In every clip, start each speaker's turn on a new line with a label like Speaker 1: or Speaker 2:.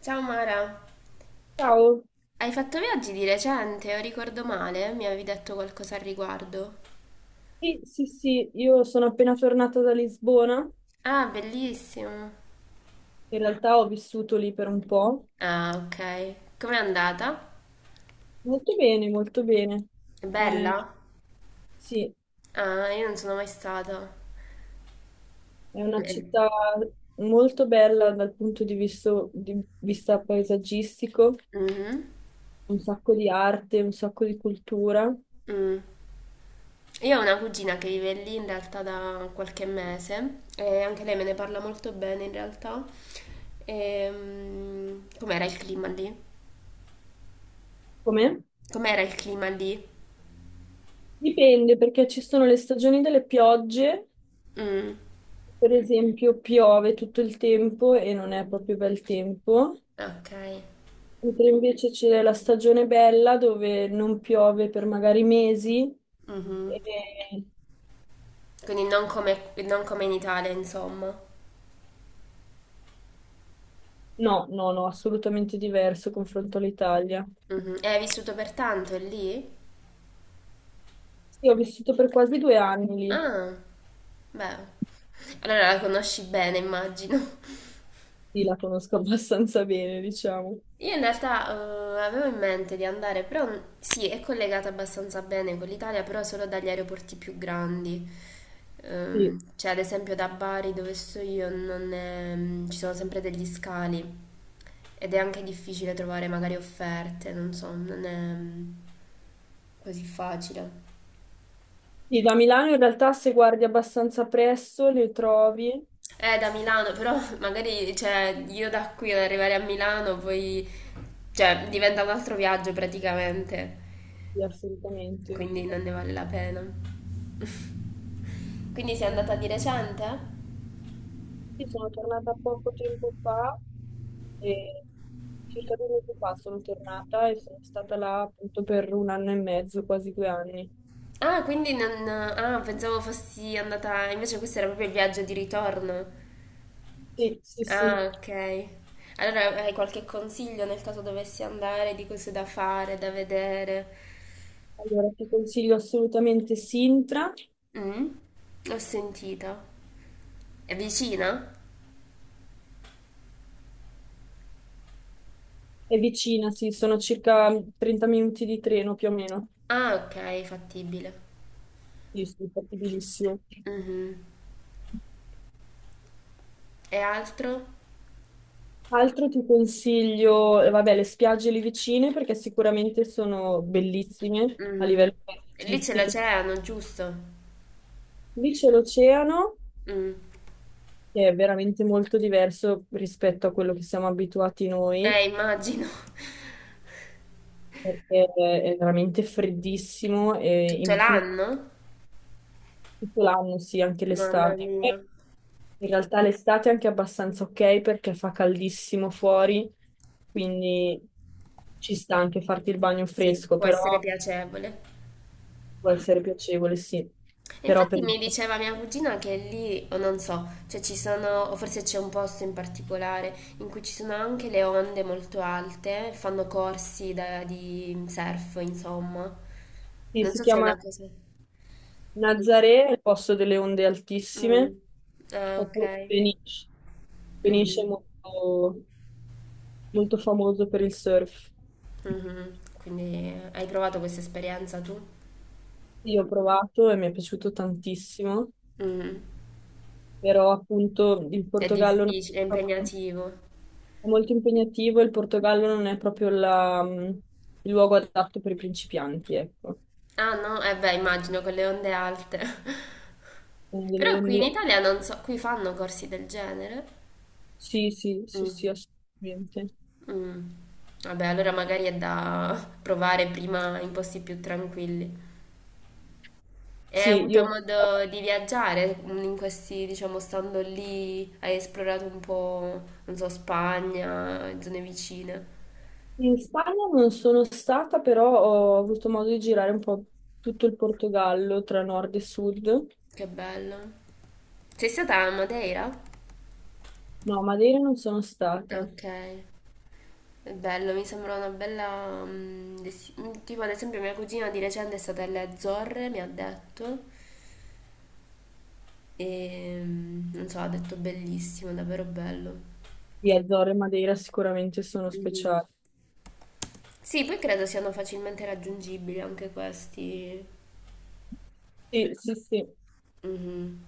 Speaker 1: Ciao Mara,
Speaker 2: Ciao,
Speaker 1: hai fatto viaggi di recente o ricordo male? Mi avevi detto qualcosa al riguardo.
Speaker 2: sì, sì, sì, io sono appena tornata da Lisbona,
Speaker 1: Ah, bellissimo.
Speaker 2: in realtà ho vissuto lì per un po',
Speaker 1: Ah, ok. Com'è andata?
Speaker 2: molto bene, molto bene.
Speaker 1: È
Speaker 2: Eh,
Speaker 1: bella?
Speaker 2: sì,
Speaker 1: Ah, io non sono mai stata.
Speaker 2: è una
Speaker 1: Eh,
Speaker 2: città molto bella dal punto di vista paesaggistico,
Speaker 1: mhm,
Speaker 2: un sacco di arte, un sacco di cultura.
Speaker 1: mm. Io ho una cugina che vive lì in realtà da qualche mese e anche lei me ne parla molto bene in realtà. Com'era il clima lì?
Speaker 2: Com'è?
Speaker 1: Com'era il clima lì?
Speaker 2: Dipende perché ci sono le stagioni delle piogge,
Speaker 1: Mm,
Speaker 2: per esempio piove tutto il tempo e non è proprio bel tempo.
Speaker 1: ok.
Speaker 2: Mentre invece c'è la stagione bella dove non piove per magari mesi.
Speaker 1: Mhm.
Speaker 2: E-
Speaker 1: Quindi non come in Italia, insomma.
Speaker 2: No, no, no, assolutamente diverso confronto all'Italia.
Speaker 1: Mhm. E hai vissuto per tanto lì?
Speaker 2: Sì, ho vissuto per quasi 2 anni lì,
Speaker 1: Ah, beh. Allora la conosci bene, immagino.
Speaker 2: sì, la conosco abbastanza bene, diciamo.
Speaker 1: Io in realtà avevo in mente di andare, però sì, è collegata abbastanza bene con l'Italia, però solo dagli aeroporti più grandi.
Speaker 2: Sì.
Speaker 1: Cioè, ad esempio da Bari, dove sto io, non è- mm, ci sono sempre degli scali ed è anche difficile trovare magari offerte, non so, non è così facile.
Speaker 2: Sì, da Milano in realtà se guardi abbastanza presto le trovi,
Speaker 1: Da Milano, però magari cioè, io da qui ad arrivare a Milano poi cioè, diventa un altro viaggio praticamente,
Speaker 2: sì, assolutamente.
Speaker 1: quindi non ne vale la pena. Quindi sei andata di recente?
Speaker 2: Sì, sono tornata poco tempo fa, e circa 2 mesi fa sono tornata e sono stata là appunto per un anno e mezzo, quasi 2 anni.
Speaker 1: Ah, quindi non. Ah, pensavo fossi andata. Invece questo era proprio il viaggio di ritorno.
Speaker 2: Sì, sì,
Speaker 1: Ah,
Speaker 2: sì.
Speaker 1: ok. Allora hai qualche consiglio nel caso dovessi andare, di cose da fare, da vedere?
Speaker 2: Allora ti consiglio assolutamente Sintra,
Speaker 1: Mm? Ho sentito. È vicina?
Speaker 2: è vicina, sì, sono circa 30 minuti di treno più o meno.
Speaker 1: Ah, ok, fattibile.
Speaker 2: Sì, sì, fattibilissimo.
Speaker 1: Mhm. E altro?
Speaker 2: Altro ti consiglio, vabbè, le spiagge lì vicine perché sicuramente sono bellissime a
Speaker 1: Mhm.
Speaker 2: livello
Speaker 1: Lì ce
Speaker 2: paesaggistico.
Speaker 1: l'oceano, giusto?
Speaker 2: Lì c'è l'oceano
Speaker 1: Mm.
Speaker 2: che è veramente molto diverso rispetto a quello che siamo abituati noi,
Speaker 1: Immagino.
Speaker 2: perché è veramente freddissimo e
Speaker 1: Tutto
Speaker 2: in più
Speaker 1: l'anno?
Speaker 2: tutto l'anno, sì, anche
Speaker 1: Mamma
Speaker 2: l'estate.
Speaker 1: mia.
Speaker 2: E in realtà l'estate è anche abbastanza ok perché fa caldissimo fuori, quindi ci sta anche farti il bagno
Speaker 1: Sì,
Speaker 2: fresco,
Speaker 1: può essere
Speaker 2: però
Speaker 1: piacevole.
Speaker 2: può essere piacevole, sì. Però per
Speaker 1: Infatti mi
Speaker 2: esempio,
Speaker 1: diceva mia cugina che lì, o non so, cioè ci sono, o forse c'è un posto in particolare in cui ci sono anche le onde molto alte, fanno corsi di surf, insomma.
Speaker 2: sì,
Speaker 1: Non
Speaker 2: si
Speaker 1: so se è una
Speaker 2: chiama
Speaker 1: cosa.
Speaker 2: Nazaré, è il posto delle onde
Speaker 1: Mm.
Speaker 2: altissime,
Speaker 1: Ah,
Speaker 2: oppure
Speaker 1: ok.
Speaker 2: Peniche. Peniche è
Speaker 1: Mhm.
Speaker 2: molto famoso per il surf.
Speaker 1: Mhm. Quindi hai provato questa esperienza tu?
Speaker 2: Sì, ho provato e mi è piaciuto tantissimo,
Speaker 1: Mhm.
Speaker 2: però appunto il
Speaker 1: È
Speaker 2: Portogallo non è
Speaker 1: difficile, è
Speaker 2: proprio-
Speaker 1: impegnativo.
Speaker 2: è molto impegnativo, e il Portogallo non è proprio la, il luogo adatto per i principianti, ecco.
Speaker 1: Ah no? Eh beh, immagino con le onde alte.
Speaker 2: Quindi le
Speaker 1: Però qui in
Speaker 2: onde...
Speaker 1: Italia non so, qui fanno corsi del genere.
Speaker 2: Sì, sì, sì, sì,
Speaker 1: Mm.
Speaker 2: assolutamente.
Speaker 1: Mm. Vabbè, allora magari è da provare prima in posti più tranquilli. E hai
Speaker 2: Sì,
Speaker 1: avuto
Speaker 2: io
Speaker 1: modo di viaggiare in questi, diciamo, stando lì, hai esplorato un po', non so, Spagna, zone vicine.
Speaker 2: in Spagna non sono stata, però ho avuto modo di girare un po' tutto il Portogallo tra nord e sud.
Speaker 1: Che bello. Sei stata a Madeira?
Speaker 2: No, Madeira non sono stata.
Speaker 1: Ok, è bello, mi sembra una bella. Tipo ad esempio mia cugina di recente è stata alle Azzorre, mi ha detto, e non so, ha detto bellissimo, davvero bello.
Speaker 2: Sì, Azzorre e Madeira sicuramente sono
Speaker 1: Mhm.
Speaker 2: speciali.
Speaker 1: Sì, poi credo siano facilmente raggiungibili anche questi.
Speaker 2: Sì, sì, sì. Io
Speaker 1: Mhm.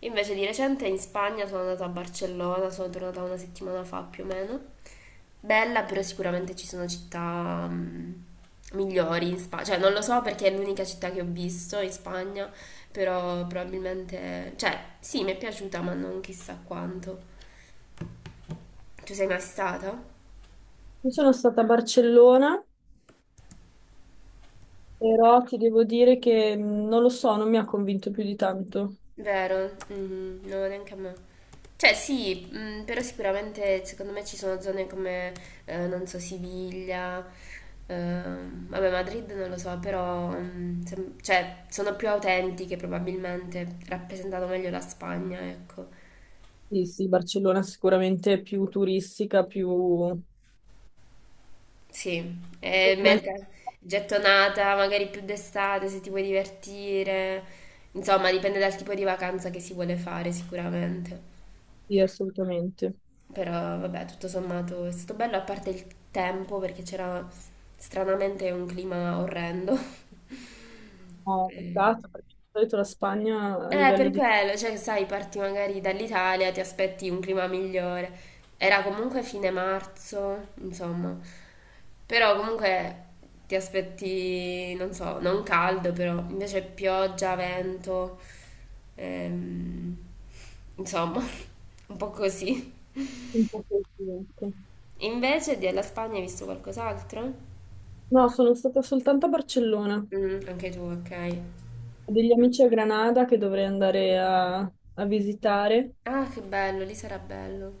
Speaker 1: Invece di recente in Spagna sono andata a Barcellona, sono tornata una settimana fa più o meno. Bella, però sicuramente ci sono città migliori in Spagna. Cioè, non lo so perché è l'unica città che ho visto in Spagna, però probabilmente. Cioè, sì, mi è piaciuta, ma non chissà quanto. Tu sei mai stata?
Speaker 2: sono stata a Barcellona, però ti devo dire che non lo so, non mi ha convinto più di tanto.
Speaker 1: Vero, mhm, no, neanche a me. Cioè sì, però sicuramente secondo me ci sono zone come, non so, Siviglia, vabbè Madrid non lo so, però cioè, sono più autentiche probabilmente, rappresentano meglio la Spagna, ecco.
Speaker 2: Sì, sì, Barcellona sicuramente è più turistica, più...
Speaker 1: Sì, e gettonata magari più d'estate se ti vuoi divertire, insomma dipende dal tipo di vacanza che si vuole fare sicuramente.
Speaker 2: Sì, assolutamente.
Speaker 1: Però vabbè, tutto sommato è stato bello, a parte il tempo, perché c'era stranamente un clima orrendo.
Speaker 2: No,
Speaker 1: Eh,
Speaker 2: peccato, perché di solito la Spagna a
Speaker 1: eh,
Speaker 2: livello
Speaker 1: per
Speaker 2: di...
Speaker 1: quello, cioè, sai, parti magari dall'Italia, ti aspetti un clima migliore. Era comunque fine marzo, insomma. Però comunque ti aspetti, non so, non caldo, però invece pioggia, vento, ehm, insomma, un po' così.
Speaker 2: un po' così, ecco.
Speaker 1: Invece della Spagna hai visto qualcos'altro?
Speaker 2: No, sono stata soltanto a Barcellona. Ho
Speaker 1: Mm, anche tu, ok.
Speaker 2: degli amici a Granada che dovrei andare a visitare.
Speaker 1: Ah, che bello, lì sarà bello.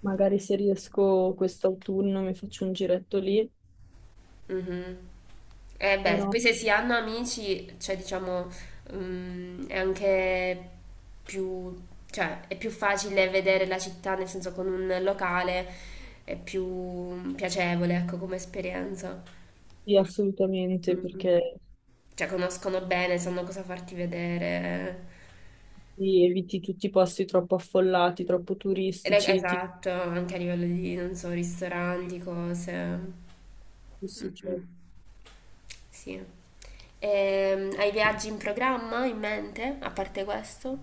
Speaker 2: Magari se riesco quest'autunno mi faccio un giretto lì,
Speaker 1: Mhm. Eh beh,
Speaker 2: però
Speaker 1: poi se si hanno amici, cioè diciamo, è anche più, cioè è più facile vedere la città, nel senso con un locale è più piacevole, ecco, come esperienza.
Speaker 2: sì, assolutamente,
Speaker 1: Mm, mm.
Speaker 2: perché
Speaker 1: Cioè conoscono bene, sanno cosa farti vedere.
Speaker 2: lì eviti tutti i posti troppo affollati, troppo turistici.
Speaker 1: Esatto, anche a livello di, non so, ristoranti, cose.
Speaker 2: Sì, cioè.
Speaker 1: Mm-mm. Sì. Hai viaggi in programma in mente, a parte questo?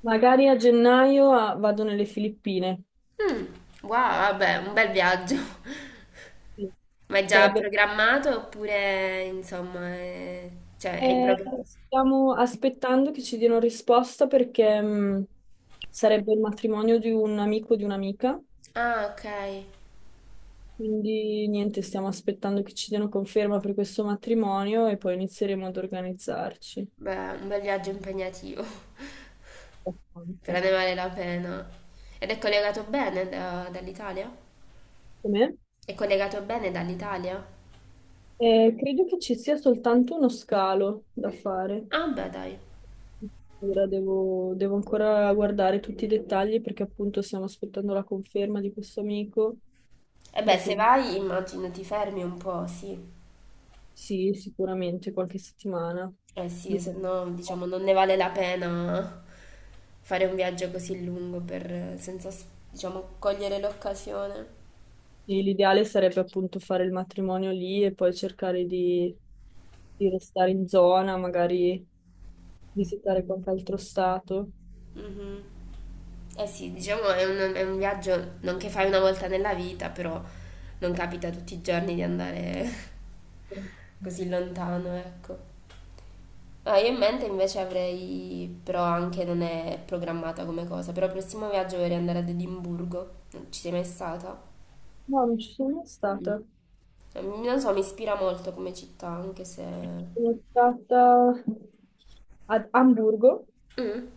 Speaker 2: Magari a gennaio ah, vado nelle Filippine.
Speaker 1: Mm, wow, vabbè, un bel viaggio.
Speaker 2: Sì.
Speaker 1: Ma è già
Speaker 2: Sarebbe...
Speaker 1: programmato oppure, insomma, cioè è in programma?
Speaker 2: stiamo aspettando che ci diano risposta perché sarebbe il matrimonio di un amico e di un'amica.
Speaker 1: Ah, ok.
Speaker 2: Quindi niente, stiamo aspettando che ci diano conferma per questo matrimonio e poi inizieremo ad organizzarci.
Speaker 1: Beh, un bel viaggio impegnativo,
Speaker 2: Abbastanza.
Speaker 1: però ne vale la pena. Ed è collegato bene dall'Italia?
Speaker 2: Com'è?
Speaker 1: È collegato bene dall'Italia?
Speaker 2: Credo che ci sia soltanto uno scalo da fare.
Speaker 1: Ah, beh, dai.
Speaker 2: Ora devo ancora guardare tutti i dettagli perché appunto stiamo aspettando la conferma di questo amico.
Speaker 1: E beh, se
Speaker 2: Dopo
Speaker 1: vai, immagino ti fermi un po', sì.
Speaker 2: sì, sicuramente qualche settimana.
Speaker 1: Eh sì,
Speaker 2: Dip-
Speaker 1: se no, diciamo, non ne vale la pena fare un viaggio così lungo per, senza, diciamo, cogliere l'occasione.
Speaker 2: sì, l'ideale sarebbe appunto fare il matrimonio lì e poi cercare di restare in zona, magari visitare qualche altro stato.
Speaker 1: Mhm. Eh sì, diciamo, è un viaggio non che fai una volta nella vita, però non capita tutti i giorni di andare così lontano, ecco. Ah, io in mente invece avrei, però anche non è programmata come cosa, però il prossimo viaggio vorrei andare ad Edimburgo, non ci sei mai stata?
Speaker 2: No, non ci sono mai stata.
Speaker 1: Non so, mi ispira molto come città, anche se.
Speaker 2: Sono stata ad Amburgo,
Speaker 1: Mm,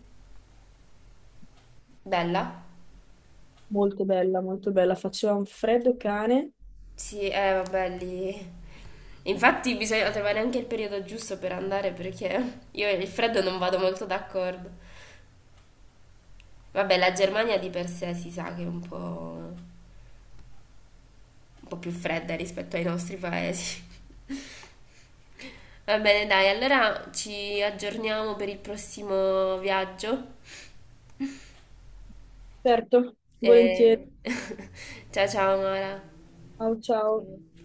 Speaker 1: bella?
Speaker 2: molto bella, faceva un freddo cane.
Speaker 1: Sì, eh vabbè, lì. Infatti bisogna trovare anche il periodo giusto per andare perché io e il freddo non vado molto d'accordo. Vabbè, la Germania di per sé si sa che è un po' più fredda rispetto ai nostri paesi. Va bene, dai, allora ci aggiorniamo per il prossimo viaggio.
Speaker 2: Certo, volentieri.
Speaker 1: E. Ciao ciao Mara.
Speaker 2: Ciao, ciao.